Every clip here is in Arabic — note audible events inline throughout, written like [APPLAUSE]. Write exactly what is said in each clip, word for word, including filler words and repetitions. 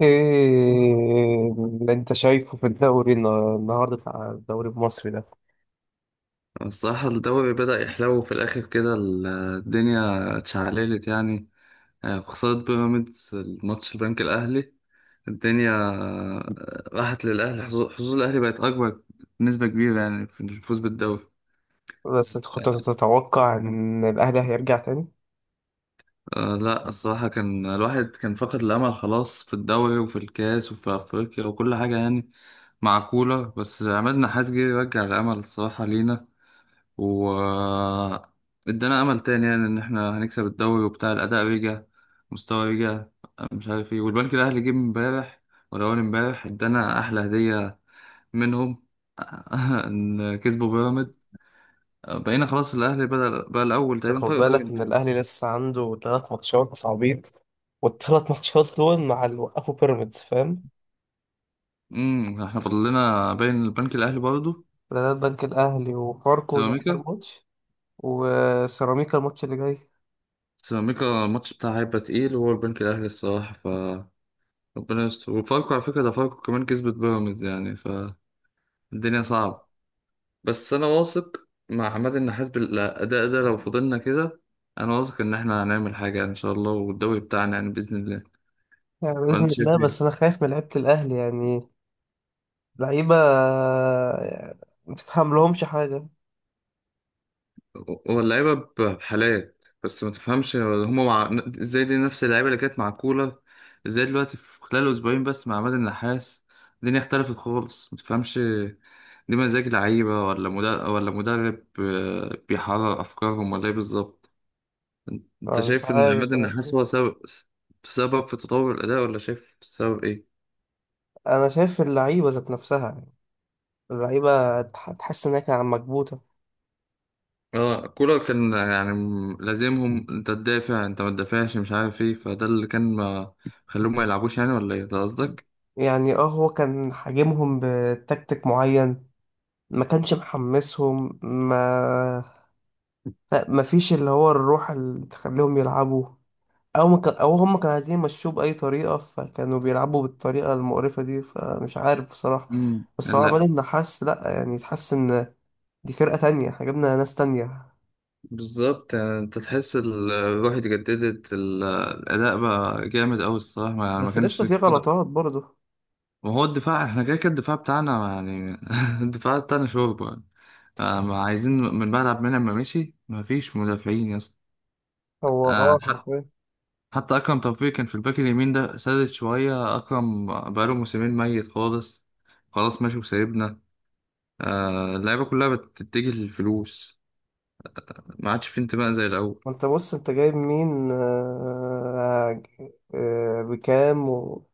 ايه اللي انت شايفه في الدوري النا- النهارده بتاع الدوري المصري ده؟ الصراحة الدوري بدأ يحلو في الآخر كده، ال- الدنيا اتشعللت يعني. آه، خسارة بيراميدز الماتش البنك الأهلي، الدنيا آه، راحت للأهلي. حظوظ حظوظ الأهلي بقت أكبر بنسبة كبيرة يعني في الفوز بالدوري. بس انت كنت تتوقع ان الاهلي هيرجع تاني؟ آه لا، الصراحة كان الواحد كان فقد الأمل خلاص في الدوري وفي الكاس وفي أفريقيا وكل حاجة يعني مع كولر. بس عماد نحاس جه يرجع الأمل الصراحة لينا و ادانا امل تاني، يعني ان احنا هنكسب الدوري وبتاع، الاداء رجع، مستوى رجع، مش عارف ايه. والبنك الاهلي جه امبارح ولا اول امبارح ادانا احلى هديه منهم [LAUGHS] ان كسبوا بيراميدز. بقينا خلاص الاهلي بدأ بقى الاول تقريبا، خد فرق بالك بوينت. ان الاهلي لسه عنده ثلاث ماتشات صعبين، والثلاث ماتشات دول مع اللي وقفوا بيراميدز، فاهم؟ امم احنا فاضل لنا باين البنك الاهلي برضه. بلد بنك الاهلي وفاركو ده اخر سيراميكا. ماتش، وسيراميكا الماتش اللي جاي. سيراميكا الماتش بتاعها هيبقى تقيل، وهو البنك الاهلي الصراحه. ف ربنا يستر. وفاركو على فكره، ده فاركو كمان كسبت بيراميدز يعني، فالدنيا صعبه. بس انا واثق مع عماد النحاس بالاداء ده، لو فضلنا كده انا واثق ان احنا هنعمل حاجه ان شاء الله، والدوري بتاعنا يعني باذن الله. يعني وانت باذن شايف الله، بس ايه؟ انا خايف من لعيبه الاهلي يعني. لعيبه يعني ما تفهم لهمش حاجه. هو اللعيبه بحالات، بس ما تفهمش هما مع ازاي دي نفس اللعيبه اللي كانت مع كولر؟ ازاي دلوقتي في خلال اسبوعين بس مع عماد النحاس الدنيا اختلفت خالص، ما تفهمش. دي مزاج لعيبه ولا مدرب، ولا مدرب آه، بيحرر افكارهم، ولا ايه بالظبط؟ انت أنا مش شايف ان عماد عارف. النحاس هو سبب سبب في تطور الاداء، ولا شايف سبب ايه؟ انا شايف اللعيبه ذات نفسها. اللعيبة تح- تحس إنها كانت مكبوتة. اه كولر كان يعني م- لازمهم، انت تدافع، انت ما تدافعش، مش عارف ايه، فده اللي كان. ما خلوهم ما يلعبوش يعني، ولا ايه ده قصدك؟ يعني اه، هو كان حاجمهم بتكتيك معين، ما كانش محمسهم، ما ما فيش اللي هو الروح اللي تخليهم يلعبوا، او ما كان، او هم كانوا عايزين يمشوه بأي طريقة، فكانوا بيلعبوا بالطريقة المقرفة دي، فمش عارف بصراحة. امم بس هو عماد لا، النحاس لا، يعني تحس ان دي فرقة تانية، احنا جبنا ناس تانية. بالظبط. يعني انت تحس ال- الروح اتجددت، ال- الاداء بقى جامد قوي الصراحه، ما- يعني ما بس لسه كانش في كده. غلطات برضه. وهو الدفاع، احنا كده كده الدفاع بتاعنا يعني [LAUGHS] الدفاع بتاعنا شوربه يعني. آه، ما عايزين، من بعد عبد المنعم ما مشي ما فيش مدافعين يا اسطى. هو آه، اه، حرفيا. حتى أكرم توفيق كان في الباك اليمين، ده سادت شوية، أكرم بقاله موسمين ميت خالص. خلاص ماشي وسايبنا. آه، اللعيبة كلها بتتجه للفلوس، ما عادش في انتماء زي الأول. وانت بص، انت جايب مين آه، آه، بكام و...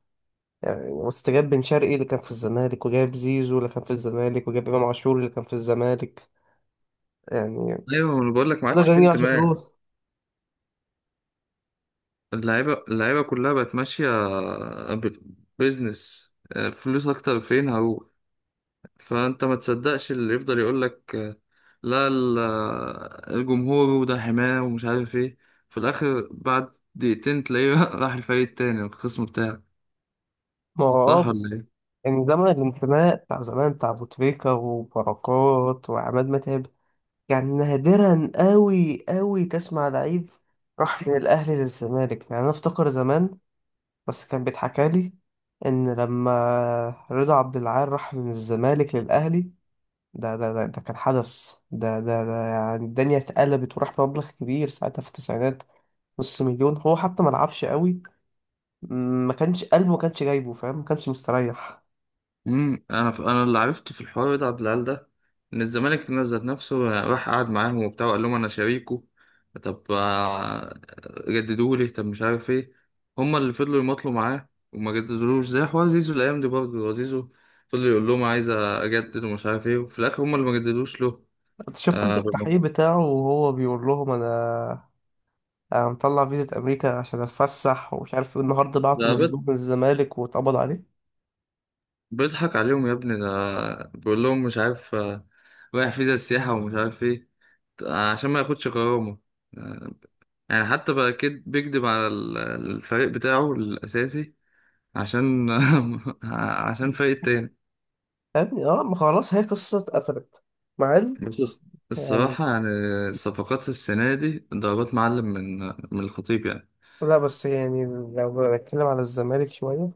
يعني بص، انت جايب بن شرقي اللي كان في الزمالك، وجايب زيزو اللي كان في الزمالك، وجايب امام عاشور اللي كان في الزمالك، يعني أيوة أنا بقول لك، ما كل ده عادش في جميل عشان انتماء. فلوس. اللعيبة اللعيبة كلها بقت ماشية بزنس. فلوس أكتر، فين هروح؟ فأنت ما تصدقش اللي يفضل يقول لك آه، لا، ال- آه، الجمهور وده حماه ومش عارف ايه. في الآخر بعد دقيقتين تلاقيه [LAUGHS] راح الفريق التاني الخصم بتاعه. ما هو اه. صح بس ولا ايه؟ يعني زمن الانتماء بتاع زمان، بتاع ابو تريكة وبركات وعماد متعب، يعني نادرا قوي قوي تسمع لعيب راح من الاهلي للزمالك. يعني انا افتكر زمان، بس كان بيتحكى لي ان لما رضا عبد العال راح من الزمالك للاهلي، ده ده ده, ده كان حدث، ده, ده ده يعني الدنيا اتقلبت، وراح مبلغ كبير ساعتها في التسعينات، نص مليون. هو حتى ما لعبش قوي، ما كانش قلبه، ما كانش جايبه فاهم، ما كانش مستريح. امم انا ف... انا اللي عرفته في الحوار ده عبد العال ده، ان الزمالك ذات نفسه راح قعد معاهم وبتاع وقال لهم انا شريكه. طب آه، جددوا لي، طب مش عارف ايه. هما اللي فضلوا يماطلوا معاه وما جددولوش. زي حوار زيزو الايام دي برضه، زيزو فضل يقول لهم عايز اجدد ومش عارف ايه، وفي الاخر هما اللي ما جددوش له. شفت انت آه، بالم- التحقيق بتاعه وهو بيقول لهم: انا انا مطلع فيزا امريكا عشان اتفسح ومش عارف ايه، النهارده بعته ده بيض- مندوب من الزمالك واتقبض عليه. بيضحك عليهم يا ابني ده. بيقول لهم مش عارف آه، رايح فيزا السياحة ومش عارف ايه آه، عشان ما ياخدش غرامة. آه، يعني حتى بقى كد بيكدب على ال- الفريق بتاعه الأساسي، عشان [LAUGHS] عشان فريق تاني. فاهمني؟ اه، ما خلاص، هي قصه اتقفلت، مع إن بس الص- يعني. الصراحة يعني الصفقات السنة دي ضربات معلم من من الخطيب يعني. لا بس يعني، لو بنتكلم على الزمالك شوية،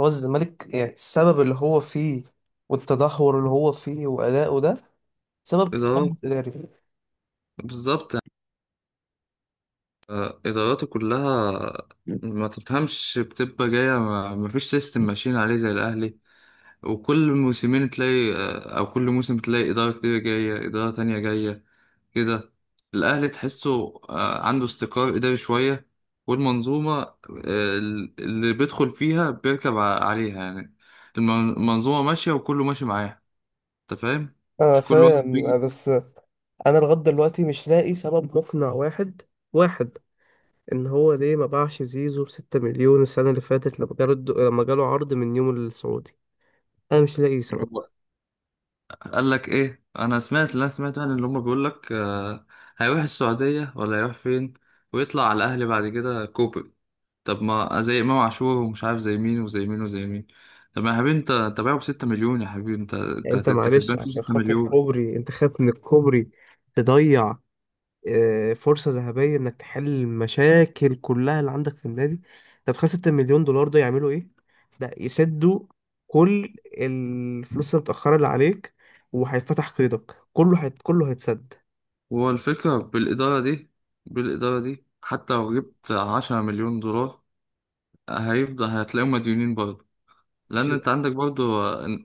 هو الزمالك يعني السبب اللي هو فيه والتدهور اللي هو فيه وأداؤه ده سبب تخبط إدارات، إداري. بالظبط، آه، إداراته كلها ما تفهمش، بتبقى جاية ما ما فيش سيستم ماشيين عليه زي الأهلي. وكل موسمين تلاقي آه، أو كل موسم تلاقي إدارة، كتير جاية إدارة تانية جاية كده. الأهلي تحسه آه، عنده استقرار إداري شوية، والمنظومة آه، اللي بيدخل فيها بيركب ع- عليها يعني. المن- المنظومة ماشية وكله ماشي معاها. أنت فاهم؟ أنا مش كل واحد بيجي. فاهم، بس أنا لغاية دلوقتي مش لاقي سبب مقنع واحد واحد، إن هو ليه ما باعش زيزو بستة مليون السنة اللي فاتت، لما جاله الد- لما جاله عرض من نيوم السعودي. أنا مش لاقي سبب. هو قال لك إيه؟ أنا سمعت، لا سمعت يعني، اللي هما بيقول لك آه، هيروح السعودية ولا هيروح فين؟ ويطلع على الأهلي بعد كده كوبري. طب ما زي إمام عاشور ومش عارف، زي مين وزي مين وزي مين. طب يا حبيبي، انت انت باعه بستة مليون، يا حبيبي انت يعني أنت انت انت معلش، كسبان فيه عشان ستة خاطر مليون كوبري أنت خايف من الكوبري تضيع آه، فرصة ذهبية انك تحل المشاكل كلها اللي عندك في النادي؟ طب خمسة مليون دولار ده يعملوا ايه؟ ده يسدوا كل الفلوس المتأخرة اللي عليك، وهيتفتح قيدك، كله هيت... كله هيتسد. هو الفكرة بالإدارة دي، بالإدارة دي حتى لو جبت عشرة مليون دولار هيفضل هتلاقيهم مديونين برضه. مش. لأن أنت عندك برضه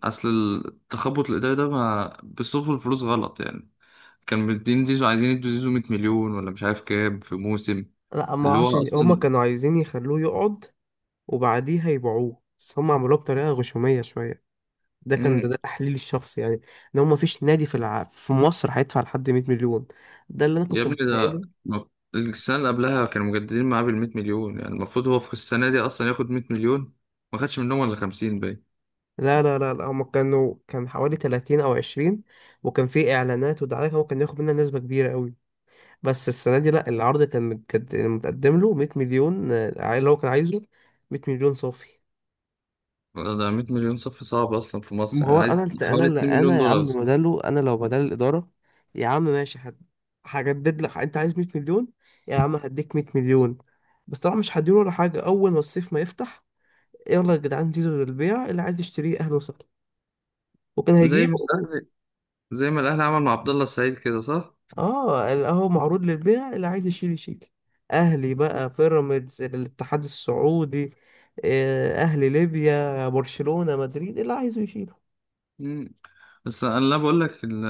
أصل التخبط الإداري ده، ما بيصرفوا الفلوس غلط يعني. كان مدين زيزو، عايزين يدوا زيزو مية مليون ولا مش عارف كام في موسم، لا، ما اللي هو عشان هما أصلا كانوا عايزين يخلوه يقعد وبعديها يبيعوه، بس هما عملوها بطريقة غشومية شوية. ده كان مم، ده, ده تحليلي الشخصي يعني، ان هو مفيش نادي في الع... في مصر هيدفع لحد مئة مليون، ده اللي انا يا كنت ابني ده، متخيله. ما- السنة اللي قبلها كانوا مجددين معاه بالمية مليون، يعني المفروض هو في السنة دي أصلا ياخد مية مليون، ما خدش منهم ولا خمسين. لا لا لا لا، هما كانوا كان حوالي ثلاثين او عشرين، وكان في اعلانات ودعايات هو كان ياخد منها نسبة كبيرة قوي، بس السنة دي لا، العرض كان مت- كان متقدم له مية مليون، آه، اللي هو كان عايزه، مية مليون صافي. ده 100 مليون صف صعب اصلا في مصر، ما يعني هو انا عايز الت- انا حوالي اللي انا يا اتنين مليون دولار مليون عم، دولار. بداله، انا لو بدل الإدارة، يا عم ماشي، هد- هجدد لك، انت عايز مية مليون، يا عم هديك مية مليون. بس طبعا مش هديله ولا حاجة، اول ما الصيف ما يفتح: يلا يا جدعان، زيزو للبيع، اللي عايز يشتريه اهلا وسهلا، وكان زي هيجيب. ما الاهلي زي ما الاهلي عمل مع عبد الله السعيد كده، صح؟ اه، اهو معروض للبيع، اللي عايز يشيل يشيل، اهلي بقى، بيراميدز، الاتحاد السعودي، آه، اهلي ليبيا، برشلونة، مدريد، اللي عايزه يشيله. مم. بس انا، لا بقول لك، ال-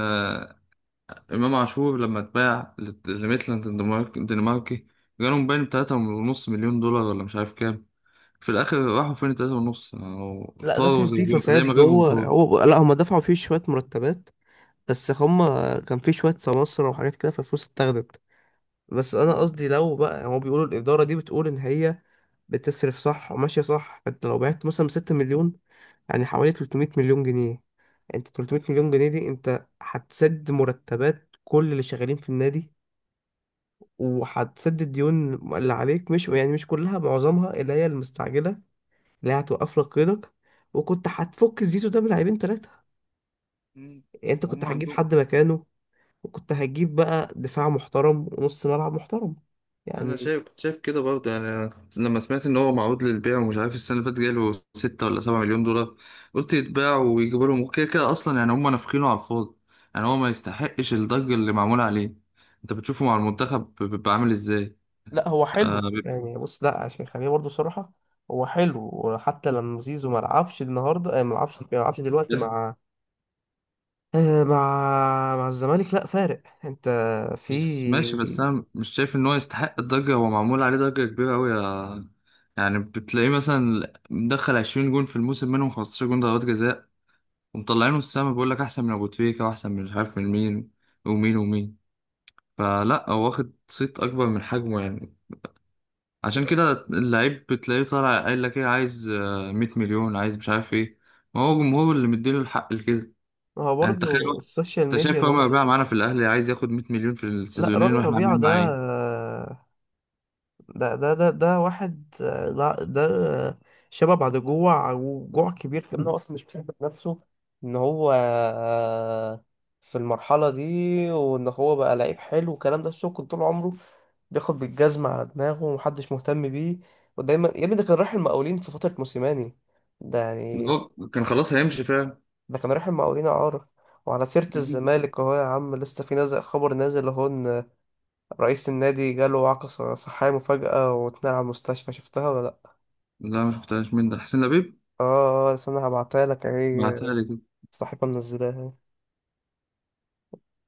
امام عاشور لما اتباع لت- لميتلاند الدنمارك- الدنماركي، جالهم باين بتلاتة ونص مليون دولار ولا مش عارف كام. في الاخر راحوا فين تلاتة ونص؟ أو لا، ده طاروا كان فيه زي زي فساد ما غيرهم جوه، طاروا. هو لا، هم دفعوا فيه شوية مرتبات، بس هم كان فيه شوية سماسرة وحاجات كده، فالفلوس اتاخدت. بس انا مم. قصدي، لو بقى هو بيقولوا الادارة دي بتقول ان هي بتصرف صح وماشية صح، انت لو بعت مثلا ستة مليون، يعني حوالي تلتمية مليون جنيه، انت تلتمية مليون جنيه دي انت هتسد مرتبات كل اللي شغالين في النادي، وهتسد الديون اللي عليك، مش يعني مش كلها، معظمها اللي هي المستعجلة، اللي هي هتوقف لك قيدك، وكنت هتفك الزيزو ده بلاعبين ثلاثة، مم. يعني انت كنت هم هتجيب عندهم. حد مكانه، وكنت هتجيب بقى دفاع محترم ونص ملعب محترم، انا يعني. شايف، كنت شايف كده برضه يعني. أنا لما سمعت ان هو معروض للبيع، ومش عارف السنه اللي فاتت جاله ستة ولا سبعة مليون دولار، قلت يتباع ويجيبوا لهم، كده كده اصلا يعني هم نافخينه على الفاضي، يعني هو ما يستحقش الضجه اللي معموله عليه. انت بتشوفه مع المنتخب بيبقى عامل ازاي؟ لا هو آه حلو بيبقى- يعني، بص، لا عشان خليني برضه صراحة، هو حلو، وحتى لما زيزو ما لعبش النهارده، آه، ما لعبش ما لعبش دلوقتي مع، آه، مع مع الزمالك، لا فارق، انت في. بس ماشي، بس انا مش شايف ان هو يستحق الضجه، هو معمول عليه ضجه كبيره قوي، يا يعني بتلاقيه مثلا مدخل عشرين جون في الموسم منهم خمسة عشر جون ضربات جزاء، ومطلعينه السما، بيقول لك احسن من ابو تريكة واحسن من مش عارف من مين، ومين ومين. فلا هو واخد صيت اكبر من حجمه يعني. عشان كده اللعيب بتلاقيه طالع قايل لك ايه؟ عايز آه، مية مليون، عايز مش عارف ايه، ما هو جمهور اللي مديله الحق لكده. ما هو يعني انت تخيل برضه واحد- السوشيال انت ميديا شايف عمر ربيعة برضه. معانا في الاهلي عايز ياخد مية مليون في لا، السيزونين، رامي واحنا ربيعة عاملين ده، معاه ايه؟ ده ده ده, ده واحد، آه، لا، ده شبه بعد جوع، وجوع كبير في انه اصلا مش بيحب نفسه، ان هو آه، في المرحلة دي، وان هو بقى لعيب حلو والكلام ده، الشغل طول عمره بياخد بالجزمة على دماغه ومحدش مهتم بيه. ودايما يا ابني، ده كان رايح المقاولين في فترة موسيماني، ده ده يعني، هو كان خلاص هيمشي فعلا. ده كان رايح المقاولين إعارة. وعلى سيرة الزمالك أهو، يا عم لسه في نازل خبر، نازل أهو، إن رئيس النادي جاله عقد ص- صحية مفاجأة واتنقل على المستشفى، شفتها ولا لأ؟ لا مش بتاعش، مين ده؟ حسين لبيب. آه آه، آه، استنى هبعتها لك أهي، بعتها لي. صاحبها منزلاها